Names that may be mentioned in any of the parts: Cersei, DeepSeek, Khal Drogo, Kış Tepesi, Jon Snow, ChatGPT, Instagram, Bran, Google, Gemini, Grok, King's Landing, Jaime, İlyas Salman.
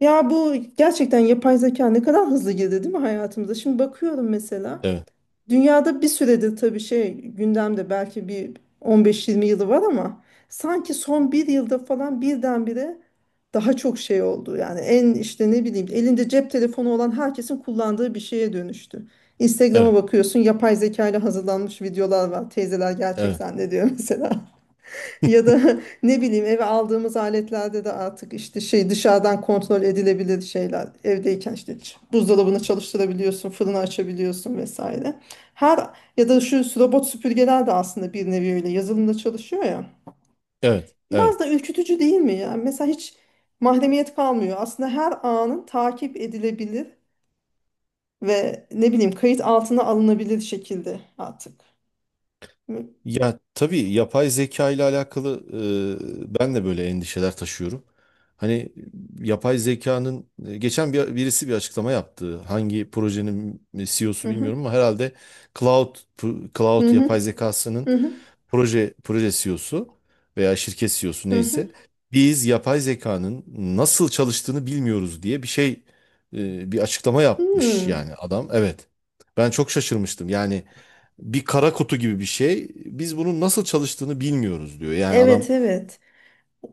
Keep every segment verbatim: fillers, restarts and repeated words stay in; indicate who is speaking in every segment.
Speaker 1: Ya bu gerçekten yapay zeka ne kadar hızlı girdi, değil mi, hayatımıza? Şimdi bakıyorum, mesela
Speaker 2: Evet,
Speaker 1: dünyada bir süredir tabii şey gündemde, belki bir on beş yirmi yılı var, ama sanki son bir yılda falan birdenbire daha çok şey oldu. Yani en işte ne bileyim, elinde cep telefonu olan herkesin kullandığı bir şeye dönüştü. Instagram'a
Speaker 2: evet,
Speaker 1: bakıyorsun, yapay zeka ile hazırlanmış videolar var. Teyzeler gerçek
Speaker 2: evet,
Speaker 1: zannediyor mesela. Ya da ne bileyim, eve aldığımız aletlerde de artık işte şey, dışarıdan kontrol edilebilir şeyler. Evdeyken işte ç- buzdolabını çalıştırabiliyorsun, fırını açabiliyorsun vesaire. Her Ya da şu robot süpürgeler de aslında bir nevi öyle yazılımda çalışıyor ya.
Speaker 2: evet,
Speaker 1: Biraz
Speaker 2: evet.
Speaker 1: da ürkütücü değil mi ya? Mesela hiç mahremiyet kalmıyor. Aslında her anın takip edilebilir ve ne bileyim, kayıt altına alınabilir şekilde artık.
Speaker 2: Ya tabii yapay zeka ile alakalı e, ben de böyle endişeler taşıyorum. Hani yapay zekanın e, geçen bir, birisi bir açıklama yaptı. Hangi projenin
Speaker 1: Hı
Speaker 2: C E O'su
Speaker 1: hı,
Speaker 2: bilmiyorum ama herhalde Cloud
Speaker 1: hı
Speaker 2: Cloud
Speaker 1: hı,
Speaker 2: yapay zekasının
Speaker 1: hı hı,
Speaker 2: proje proje C E O S'u veya şirket C E O'su
Speaker 1: hı hı.
Speaker 2: neyse biz yapay zekanın nasıl çalıştığını bilmiyoruz diye bir şey e, bir açıklama yapmış
Speaker 1: Hmm.
Speaker 2: yani adam. Evet. Ben çok şaşırmıştım. Yani bir kara kutu gibi bir şey. Biz bunun nasıl çalıştığını bilmiyoruz diyor. Yani adam
Speaker 1: Evet, evet.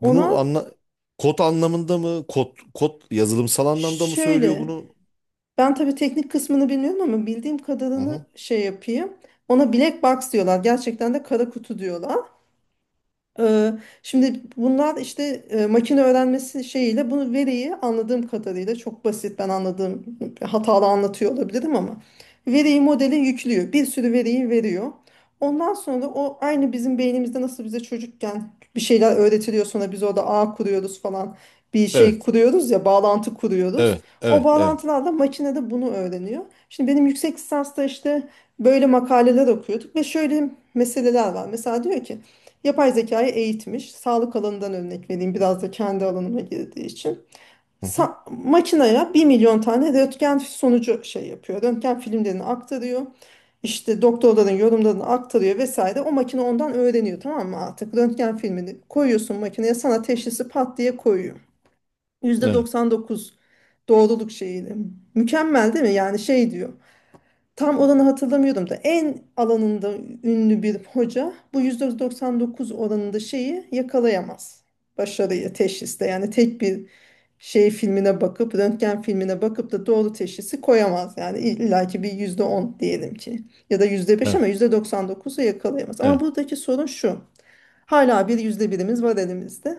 Speaker 2: bunu anla kod anlamında mı kod kod yazılımsal anlamda mı söylüyor
Speaker 1: şöyle,
Speaker 2: bunu?
Speaker 1: ben tabii teknik kısmını bilmiyorum ama bildiğim
Speaker 2: Hı hı.
Speaker 1: kadarını şey yapayım. Ona black box diyorlar. Gerçekten de kara kutu diyorlar. Ee, şimdi bunlar işte e, makine öğrenmesi şeyiyle bunu, veriyi, anladığım kadarıyla çok basit, ben anladığım hatalı anlatıyor olabilirim ama veriyi modele yüklüyor. Bir sürü veriyi veriyor. Ondan sonra o, aynı bizim beynimizde nasıl bize çocukken bir şeyler öğretiliyor, sonra biz orada ağ kuruyoruz falan, bir şey
Speaker 2: Evet.
Speaker 1: kuruyoruz ya, bağlantı kuruyoruz.
Speaker 2: Evet.
Speaker 1: O
Speaker 2: Evet. Evet.
Speaker 1: bağlantılarla makine de bunu öğreniyor. Şimdi benim yüksek lisansta işte böyle makaleler okuyorduk ve şöyle meseleler var. Mesela diyor ki yapay zekayı eğitmiş. Sağlık alanından örnek vereyim, biraz da kendi alanıma girdiği için.
Speaker 2: Hı hı.
Speaker 1: Sa makinaya 1 milyon tane röntgen sonucu şey yapıyor, röntgen filmlerini aktarıyor. İşte doktorların yorumlarını aktarıyor vesaire. O makine ondan öğreniyor, tamam mı, artık? Röntgen filmini koyuyorsun makineye, sana teşhisi pat diye koyuyor.
Speaker 2: Evet.
Speaker 1: yüzde doksan dokuz doğruluk şeyiyle. Mükemmel değil mi? Yani şey diyor. Tam oranı hatırlamıyorum da, en alanında ünlü bir hoca bu yüzde doksan dokuz oranında şeyi yakalayamaz, başarıyı, teşhiste. Yani tek bir şey filmine bakıp, röntgen filmine bakıp da doğru teşhisi koyamaz. Yani illaki bir yüzde on diyelim ki, ya da yüzde beş, ama
Speaker 2: Evet.
Speaker 1: yüzde doksan dokuzu yakalayamaz. Ama
Speaker 2: Evet.
Speaker 1: buradaki sorun şu. Hala bir yüzde birimiz var elimizde.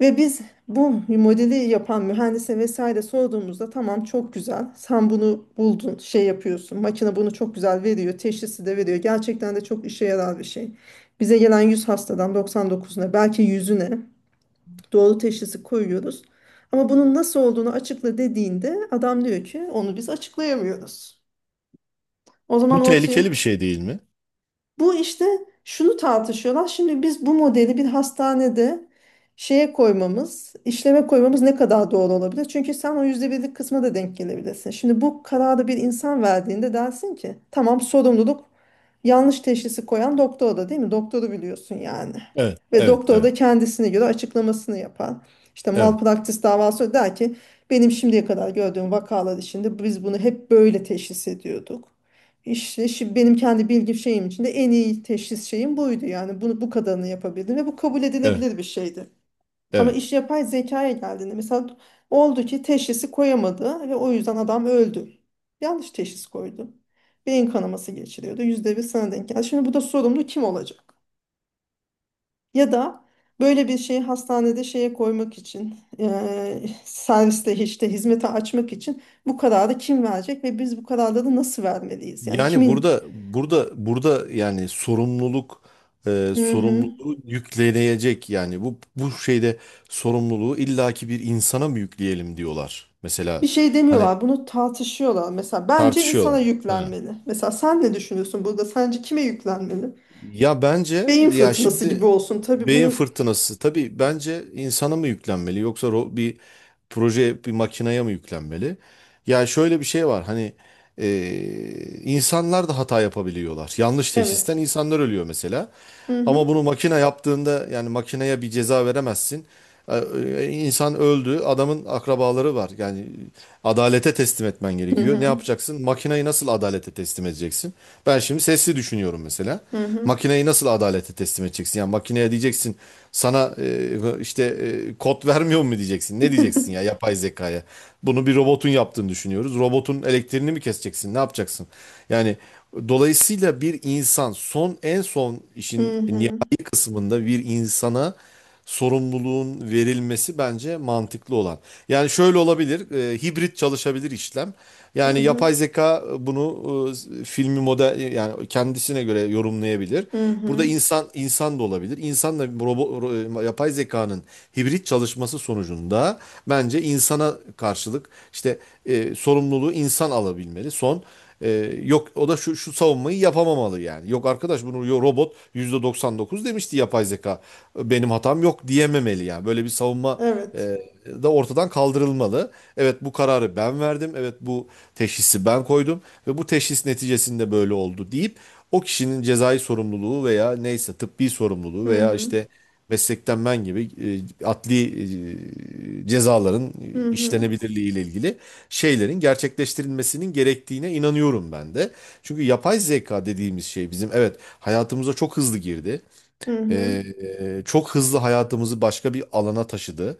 Speaker 1: Ve biz bu modeli yapan mühendise vesaire sorduğumuzda, tamam, çok güzel, sen bunu buldun, şey yapıyorsun, makine bunu çok güzel veriyor, teşhisi de veriyor, gerçekten de çok işe yarar bir şey. Bize gelen yüz hastadan doksan dokuzuna, belki yüzüne doğru teşhisi koyuyoruz. Ama bunun nasıl olduğunu açıkla dediğinde adam diyor ki onu biz açıklayamıyoruz. O zaman
Speaker 2: Bu tehlikeli
Speaker 1: ortaya
Speaker 2: bir şey değil mi?
Speaker 1: bu işte, şunu tartışıyorlar. Şimdi biz bu modeli bir hastanede şeye koymamız, işleme koymamız ne kadar doğru olabilir? Çünkü sen o yüzde birlik kısma da denk gelebilirsin. Şimdi bu kararı bir insan verdiğinde dersin ki tamam, sorumluluk yanlış teşhisi koyan doktor, da, değil mi? Doktoru biliyorsun yani.
Speaker 2: Evet.
Speaker 1: Ve
Speaker 2: Evet.
Speaker 1: doktor
Speaker 2: Evet.
Speaker 1: da kendisine göre açıklamasını yapar. İşte
Speaker 2: Evet.
Speaker 1: malpraktis davası, der ki benim şimdiye kadar gördüğüm vakalar içinde biz bunu hep böyle teşhis ediyorduk. İşte şi- benim kendi bilgi şeyim içinde en iyi teşhis şeyim buydu. Yani bunu, bu kadarını yapabildim ve bu kabul
Speaker 2: Evet.
Speaker 1: edilebilir bir şeydi. Ama
Speaker 2: Evet.
Speaker 1: iş yapay zekaya geldiğinde, mesela oldu ki teşhisi koyamadı ve o yüzden adam öldü. Yanlış teşhis koydu. Beyin kanaması geçiriyordu. Yüzde bir sana denk geldi. Şimdi bu da, sorumlu kim olacak? Ya da böyle bir şeyi hastanede şeye koymak için, eee, serviste işte hizmete açmak için bu kararı kim verecek ve biz bu kararları nasıl vermeliyiz? Yani
Speaker 2: Yani
Speaker 1: kimin?
Speaker 2: burada burada burada yani sorumluluk, e,
Speaker 1: Hı hı.
Speaker 2: sorumluluğu yükleyecek yani bu bu şeyde sorumluluğu illaki bir insana mı yükleyelim diyorlar.
Speaker 1: Bir
Speaker 2: Mesela
Speaker 1: şey
Speaker 2: hani
Speaker 1: demiyorlar, bunu tartışıyorlar. Mesela bence insana
Speaker 2: tartışıyorlar. Ha.
Speaker 1: yüklenmeli. Mesela sen ne düşünüyorsun burada? Sence kime yüklenmeli?
Speaker 2: Ya bence
Speaker 1: Beyin
Speaker 2: ya
Speaker 1: fırtınası gibi
Speaker 2: şimdi
Speaker 1: olsun. Tabii
Speaker 2: beyin
Speaker 1: bunu.
Speaker 2: fırtınası, tabii bence insana mı yüklenmeli yoksa ro- bir proje bir makineye mi yüklenmeli? Ya şöyle bir şey var hani e, insanlar da hata yapabiliyorlar. Yanlış teşhisten
Speaker 1: Evet.
Speaker 2: insanlar ölüyor mesela.
Speaker 1: Hı
Speaker 2: Ama
Speaker 1: hı.
Speaker 2: bunu makine yaptığında yani makineye bir ceza veremezsin. Ee, e, İnsan öldü, adamın akrabaları var. Yani adalete teslim etmen
Speaker 1: Hı
Speaker 2: gerekiyor. Ne
Speaker 1: hı.
Speaker 2: yapacaksın? Makineyi nasıl adalete teslim edeceksin? Ben şimdi sesli düşünüyorum mesela.
Speaker 1: Hı hı.
Speaker 2: Makineyi nasıl adalete teslim edeceksin? Yani makineye diyeceksin sana e, işte e, kod vermiyor mu diyeceksin? Ne diyeceksin ya yapay zekaya? Bunu bir robotun yaptığını düşünüyoruz. Robotun elektriğini mi keseceksin? Ne yapacaksın? Yani dolayısıyla bir insan son en son işin
Speaker 1: Hı
Speaker 2: nihai
Speaker 1: hı.
Speaker 2: kısmında bir insana sorumluluğun verilmesi bence mantıklı olan. Yani şöyle olabilir, e, hibrit çalışabilir işlem.
Speaker 1: Hı
Speaker 2: Yani
Speaker 1: hı.
Speaker 2: yapay zeka bunu e, filmi model yani kendisine göre yorumlayabilir.
Speaker 1: Hı
Speaker 2: Burada
Speaker 1: hı.
Speaker 2: insan insan da olabilir. İnsanla robo- ro- yapay zekanın hibrit çalışması sonucunda bence insana karşılık işte e, sorumluluğu insan alabilmeli. Son ee, yok o da şu, şu savunmayı yapamamalı yani. Yok arkadaş bunu yo- robot yüzde doksan dokuz demişti yapay zeka. Benim hatam yok diyememeli yani. Böyle bir savunma
Speaker 1: Evet.
Speaker 2: e, da ortadan kaldırılmalı. Evet, bu kararı ben verdim. Evet, bu teşhisi ben koydum ve bu teşhis neticesinde böyle oldu deyip o kişinin cezai sorumluluğu veya neyse tıbbi sorumluluğu
Speaker 1: Hı
Speaker 2: veya
Speaker 1: hı.
Speaker 2: işte meslekten men gibi e, adli e, cezaların
Speaker 1: Hı hı.
Speaker 2: işlenebilirliği ile ilgili şeylerin gerçekleştirilmesinin gerektiğine inanıyorum ben de. Çünkü yapay zeka dediğimiz şey bizim, evet, hayatımıza çok hızlı girdi.
Speaker 1: Hı hı.
Speaker 2: Ee, e, çok hızlı hayatımızı başka bir alana taşıdı.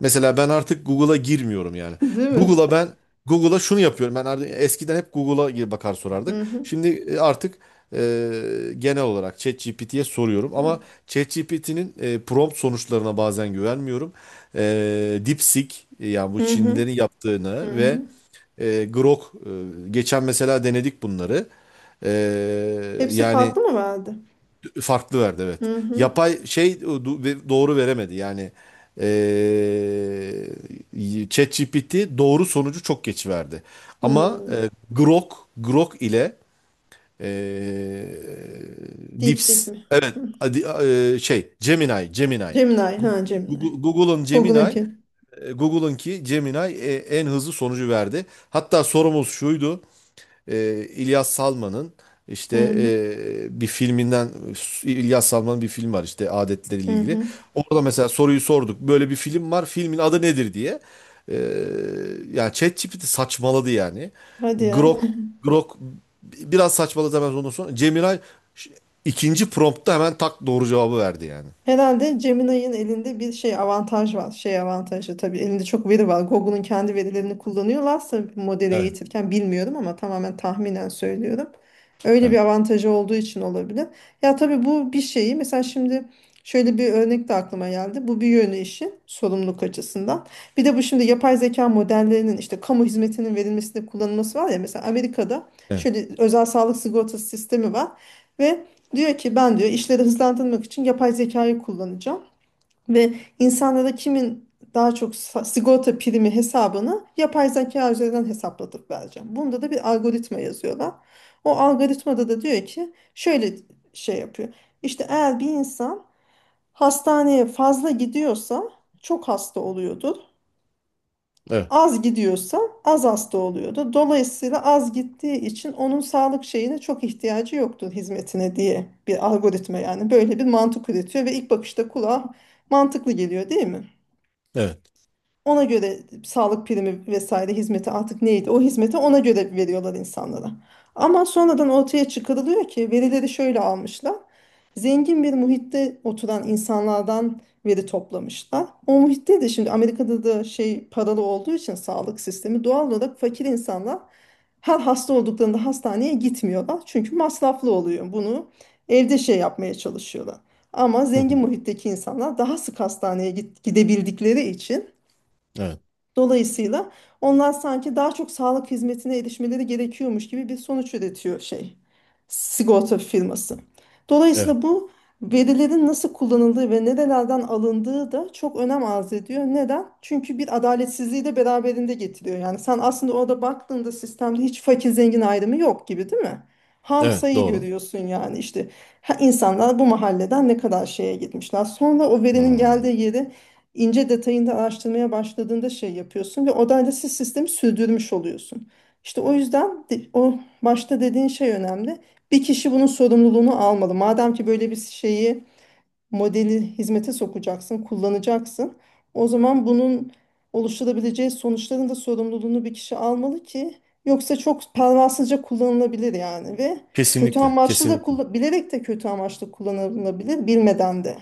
Speaker 2: Mesela ben artık Google'a girmiyorum yani.
Speaker 1: Değil mi?
Speaker 2: Google'a ben Google'a şunu yapıyorum. Ben artık eskiden hep Google'a gir- bakar sorardık.
Speaker 1: Hı hı.
Speaker 2: Şimdi e, artık e, genel olarak ChatGPT'ye soruyorum ama ChatGPT'nin e, prompt sonuçlarına bazen güvenmiyorum. E, DeepSeek e, yani bu
Speaker 1: Hı hı.
Speaker 2: Çinlilerin
Speaker 1: Hı
Speaker 2: yaptığını ve
Speaker 1: hı.
Speaker 2: e, Grok e, geçen mesela denedik bunları. E,
Speaker 1: Hepsi
Speaker 2: yani
Speaker 1: farklı mı verdi?
Speaker 2: Farklı verdi, evet.
Speaker 1: Hı hı.
Speaker 2: Yapay şey do- doğru veremedi yani. Eee ChatGPT doğru sonucu çok geç verdi. Ama
Speaker 1: Hı.
Speaker 2: e, Grok, Grok ile eee
Speaker 1: DeepSeek
Speaker 2: Dips
Speaker 1: mi?
Speaker 2: evet,
Speaker 1: Hı.
Speaker 2: hadi, eee, şey Gemini, Gemini.
Speaker 1: Gemini.
Speaker 2: Gu-
Speaker 1: Ha, Gemini.
Speaker 2: Gu- Google'ın Gemini,
Speaker 1: Google'ınki.
Speaker 2: e, Google'ınki Gemini e, en hızlı sonucu verdi. Hatta sorumuz şuydu, e, İlyas Salman'ın
Speaker 1: Hı
Speaker 2: işte e,
Speaker 1: hı.
Speaker 2: bir filminden. İlyas Salman'ın bir film var işte, adetleriyle
Speaker 1: Hı
Speaker 2: ilgili.
Speaker 1: hı.
Speaker 2: Orada mesela soruyu sorduk. Böyle bir film var. Filmin adı nedir diye. E, yani ChatGPT saçmaladı yani.
Speaker 1: Hadi ya.
Speaker 2: Grok Grok biraz saçmaladı hemen ondan sonra. Cemiray ş- ikinci promptta hemen tak doğru cevabı verdi yani.
Speaker 1: Herhalde Gemini'nin elinde bir şey avantaj var. Şey avantajı, tabii elinde çok veri var. Google'un kendi verilerini kullanıyorlarsa modeli
Speaker 2: Evet,
Speaker 1: eğitirken bilmiyorum ama tamamen tahminen söylüyorum. Öyle bir
Speaker 2: evet,
Speaker 1: avantajı olduğu için olabilir. Ya tabii, bu bir şeyi mesela, şimdi şöyle bir örnek de aklıma geldi. Bu bir yönü, işi sorumluluk açısından. Bir de bu, şimdi yapay zeka modellerinin işte kamu hizmetinin verilmesinde kullanılması var ya, mesela Amerika'da
Speaker 2: evet,
Speaker 1: şöyle özel sağlık sigortası sistemi var ve diyor ki ben, diyor, işleri hızlandırmak için yapay zekayı kullanacağım ve insanlara kimin daha çok sa- sigorta primi hesabını yapay zeka üzerinden hesaplatıp vereceğim. Bunda da bir algoritma yazıyorlar. O algoritmada da diyor ki şöyle şey yapıyor. İşte eğer bir insan hastaneye fazla gidiyorsa çok hasta oluyordur.
Speaker 2: evet,
Speaker 1: Az gidiyorsa az hasta oluyordu. Dolayısıyla az gittiği için onun sağlık şeyine çok ihtiyacı yoktur, hizmetine, diye bir algoritma, yani böyle bir mantık üretiyor ve ilk bakışta kulağa mantıklı geliyor, değil mi?
Speaker 2: evet,
Speaker 1: Ona göre sağlık primi vesaire hizmeti, artık neydi o hizmeti, ona göre veriyorlar insanlara. Ama sonradan ortaya çıkarılıyor ki verileri şöyle almışlar. Zengin bir muhitte oturan insanlardan veri toplamışlar. O muhitte de, şimdi Amerika'da da şey paralı olduğu için sağlık sistemi, doğal olarak fakir insanlar her hasta olduklarında hastaneye gitmiyorlar. Çünkü masraflı oluyor. Bunu evde şey yapmaya çalışıyorlar. Ama zengin muhitteki insanlar daha sık hastaneye git- gidebildikleri için,
Speaker 2: evet,
Speaker 1: dolayısıyla onlar sanki daha çok sağlık hizmetine erişmeleri gerekiyormuş gibi bir sonuç üretiyor şey, sigorta firması.
Speaker 2: evet,
Speaker 1: Dolayısıyla bu verilerin nasıl kullanıldığı ve nerelerden alındığı da çok önem arz ediyor. Neden? Çünkü bir adaletsizliği de beraberinde getiriyor. Yani sen aslında orada baktığında sistemde hiç fakir zengin ayrımı yok gibi, değil mi? Ham
Speaker 2: evet,
Speaker 1: sayı
Speaker 2: doğru.
Speaker 1: görüyorsun yani. İşte ha, insanlar bu mahalleden ne kadar şeye gitmişler. Sonra o verinin
Speaker 2: Hmm.
Speaker 1: geldiği yeri ince detayında araştırmaya başladığında şey yapıyorsun ve o siz sistemi sürdürmüş oluyorsun. İşte o yüzden de- o başta dediğin şey önemli. Bir kişi bunun sorumluluğunu almalı. Madem ki böyle bir şeyi, modeli hizmete sokacaksın, kullanacaksın. O zaman bunun oluşturabileceği sonuçların da sorumluluğunu bir kişi almalı ki, yoksa çok pervasızca kullanılabilir yani, ve kötü
Speaker 2: Kesinlikle,
Speaker 1: amaçlı da
Speaker 2: kesinlikle.
Speaker 1: kullan, bilerek de kötü amaçlı kullanılabilir, bilmeden de.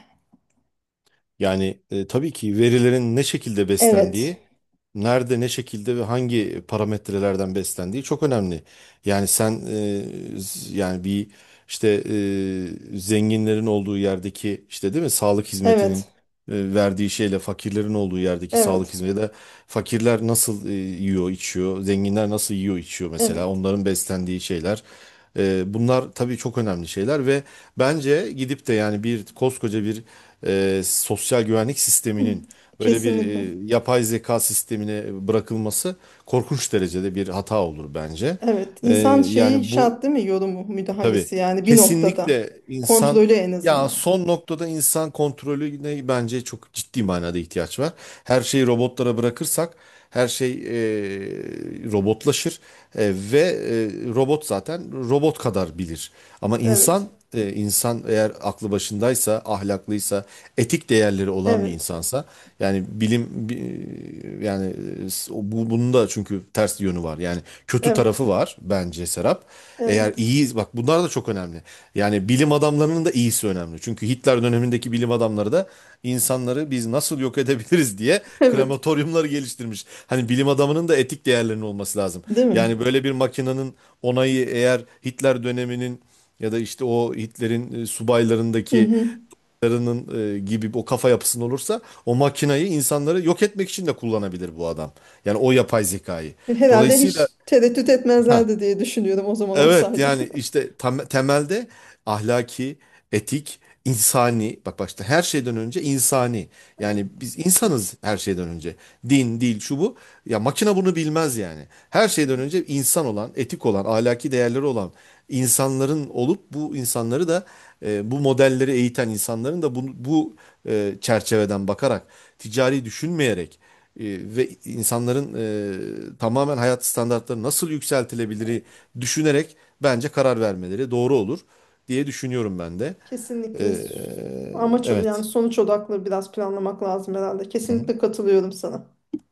Speaker 2: Yani e, tabii ki verilerin ne şekilde
Speaker 1: Evet.
Speaker 2: beslendiği, nerede ne şekilde ve hangi parametrelerden beslendiği çok önemli. Yani sen, e, z- yani bir işte, e, zenginlerin olduğu yerdeki işte değil mi sağlık hizmetinin
Speaker 1: Evet.
Speaker 2: e, verdiği şeyle fakirlerin olduğu yerdeki sağlık
Speaker 1: Evet.
Speaker 2: hizmeti de, fakirler nasıl e, yiyor içiyor, zenginler nasıl yiyor içiyor mesela,
Speaker 1: Evet.
Speaker 2: onların beslendiği şeyler. E, bunlar tabii çok önemli şeyler. Ve bence gidip de yani bir koskoca bir e, sosyal güvenlik
Speaker 1: Hı,
Speaker 2: sisteminin böyle bir
Speaker 1: kesinlikle.
Speaker 2: e, yapay zeka sistemine bırakılması korkunç derecede bir hata olur bence.
Speaker 1: Evet.
Speaker 2: E,
Speaker 1: İnsan şeyi
Speaker 2: yani bu
Speaker 1: şart, değil mi? Yorumu,
Speaker 2: Tabii.
Speaker 1: müdahalesi, yani bir noktada.
Speaker 2: Kesinlikle. İnsan
Speaker 1: Kontrolü en
Speaker 2: ya
Speaker 1: azından.
Speaker 2: son noktada insan kontrolüne bence çok ciddi manada ihtiyaç var. Her şeyi robotlara bırakırsak her şey e, robotlaşır. E, ve e, robot zaten robot kadar bilir. Ama insan,
Speaker 1: Evet.
Speaker 2: e, insan eğer aklı başındaysa, ahlaklıysa, etik değerleri olan bir
Speaker 1: Evet.
Speaker 2: insansa, yani bilim bi- yani e, bu bunun da çünkü ters yönü var. Yani kötü
Speaker 1: Evet.
Speaker 2: tarafı var bence, Serap. Eğer
Speaker 1: Evet.
Speaker 2: iyi, biz bak bunlar da çok önemli. Yani bilim adamlarının da iyisi önemli. Çünkü Hitler dönemindeki bilim adamları da insanları biz nasıl yok edebiliriz diye
Speaker 1: Evet.
Speaker 2: krematoryumları geliştirmiş. Hani bilim adamının da etik değerlerinin olması lazım.
Speaker 1: Değil mi?
Speaker 2: Yani böyle bir makinenin onayı, eğer Hitler döneminin ya da işte o Hitler'in e,
Speaker 1: Hı
Speaker 2: subaylarındaki
Speaker 1: hı.
Speaker 2: insanların, e, gibi o kafa yapısında olursa o makinayı insanları yok etmek için de kullanabilir bu adam. Yani o yapay zekayı.
Speaker 1: Herhalde
Speaker 2: Dolayısıyla,
Speaker 1: hiç tereddüt etmezlerdi diye düşünüyorum o zaman
Speaker 2: evet,
Speaker 1: olsaydı.
Speaker 2: yani işte tam, temelde ahlaki, etik, insani, bak, başta her şeyden önce insani. Yani biz insanız her şeyden önce. Din, dil, şu bu. Ya makine bunu bilmez yani. Her şeyden
Speaker 1: Evet.
Speaker 2: önce insan olan, etik olan, ahlaki değerleri olan insanların olup, bu insanları da, e, bu modelleri eğiten insanların da bu, bu e, çerçeveden bakarak, ticari düşünmeyerek e, ve insanların e, tamamen hayat standartları nasıl yükseltilebilir düşünerek bence karar vermeleri doğru olur diye düşünüyorum ben de.
Speaker 1: Kesinlikle.
Speaker 2: E,
Speaker 1: S- amaç, yani
Speaker 2: evet.
Speaker 1: sonuç odaklı biraz planlamak lazım herhalde. Kesinlikle katılıyorum sana.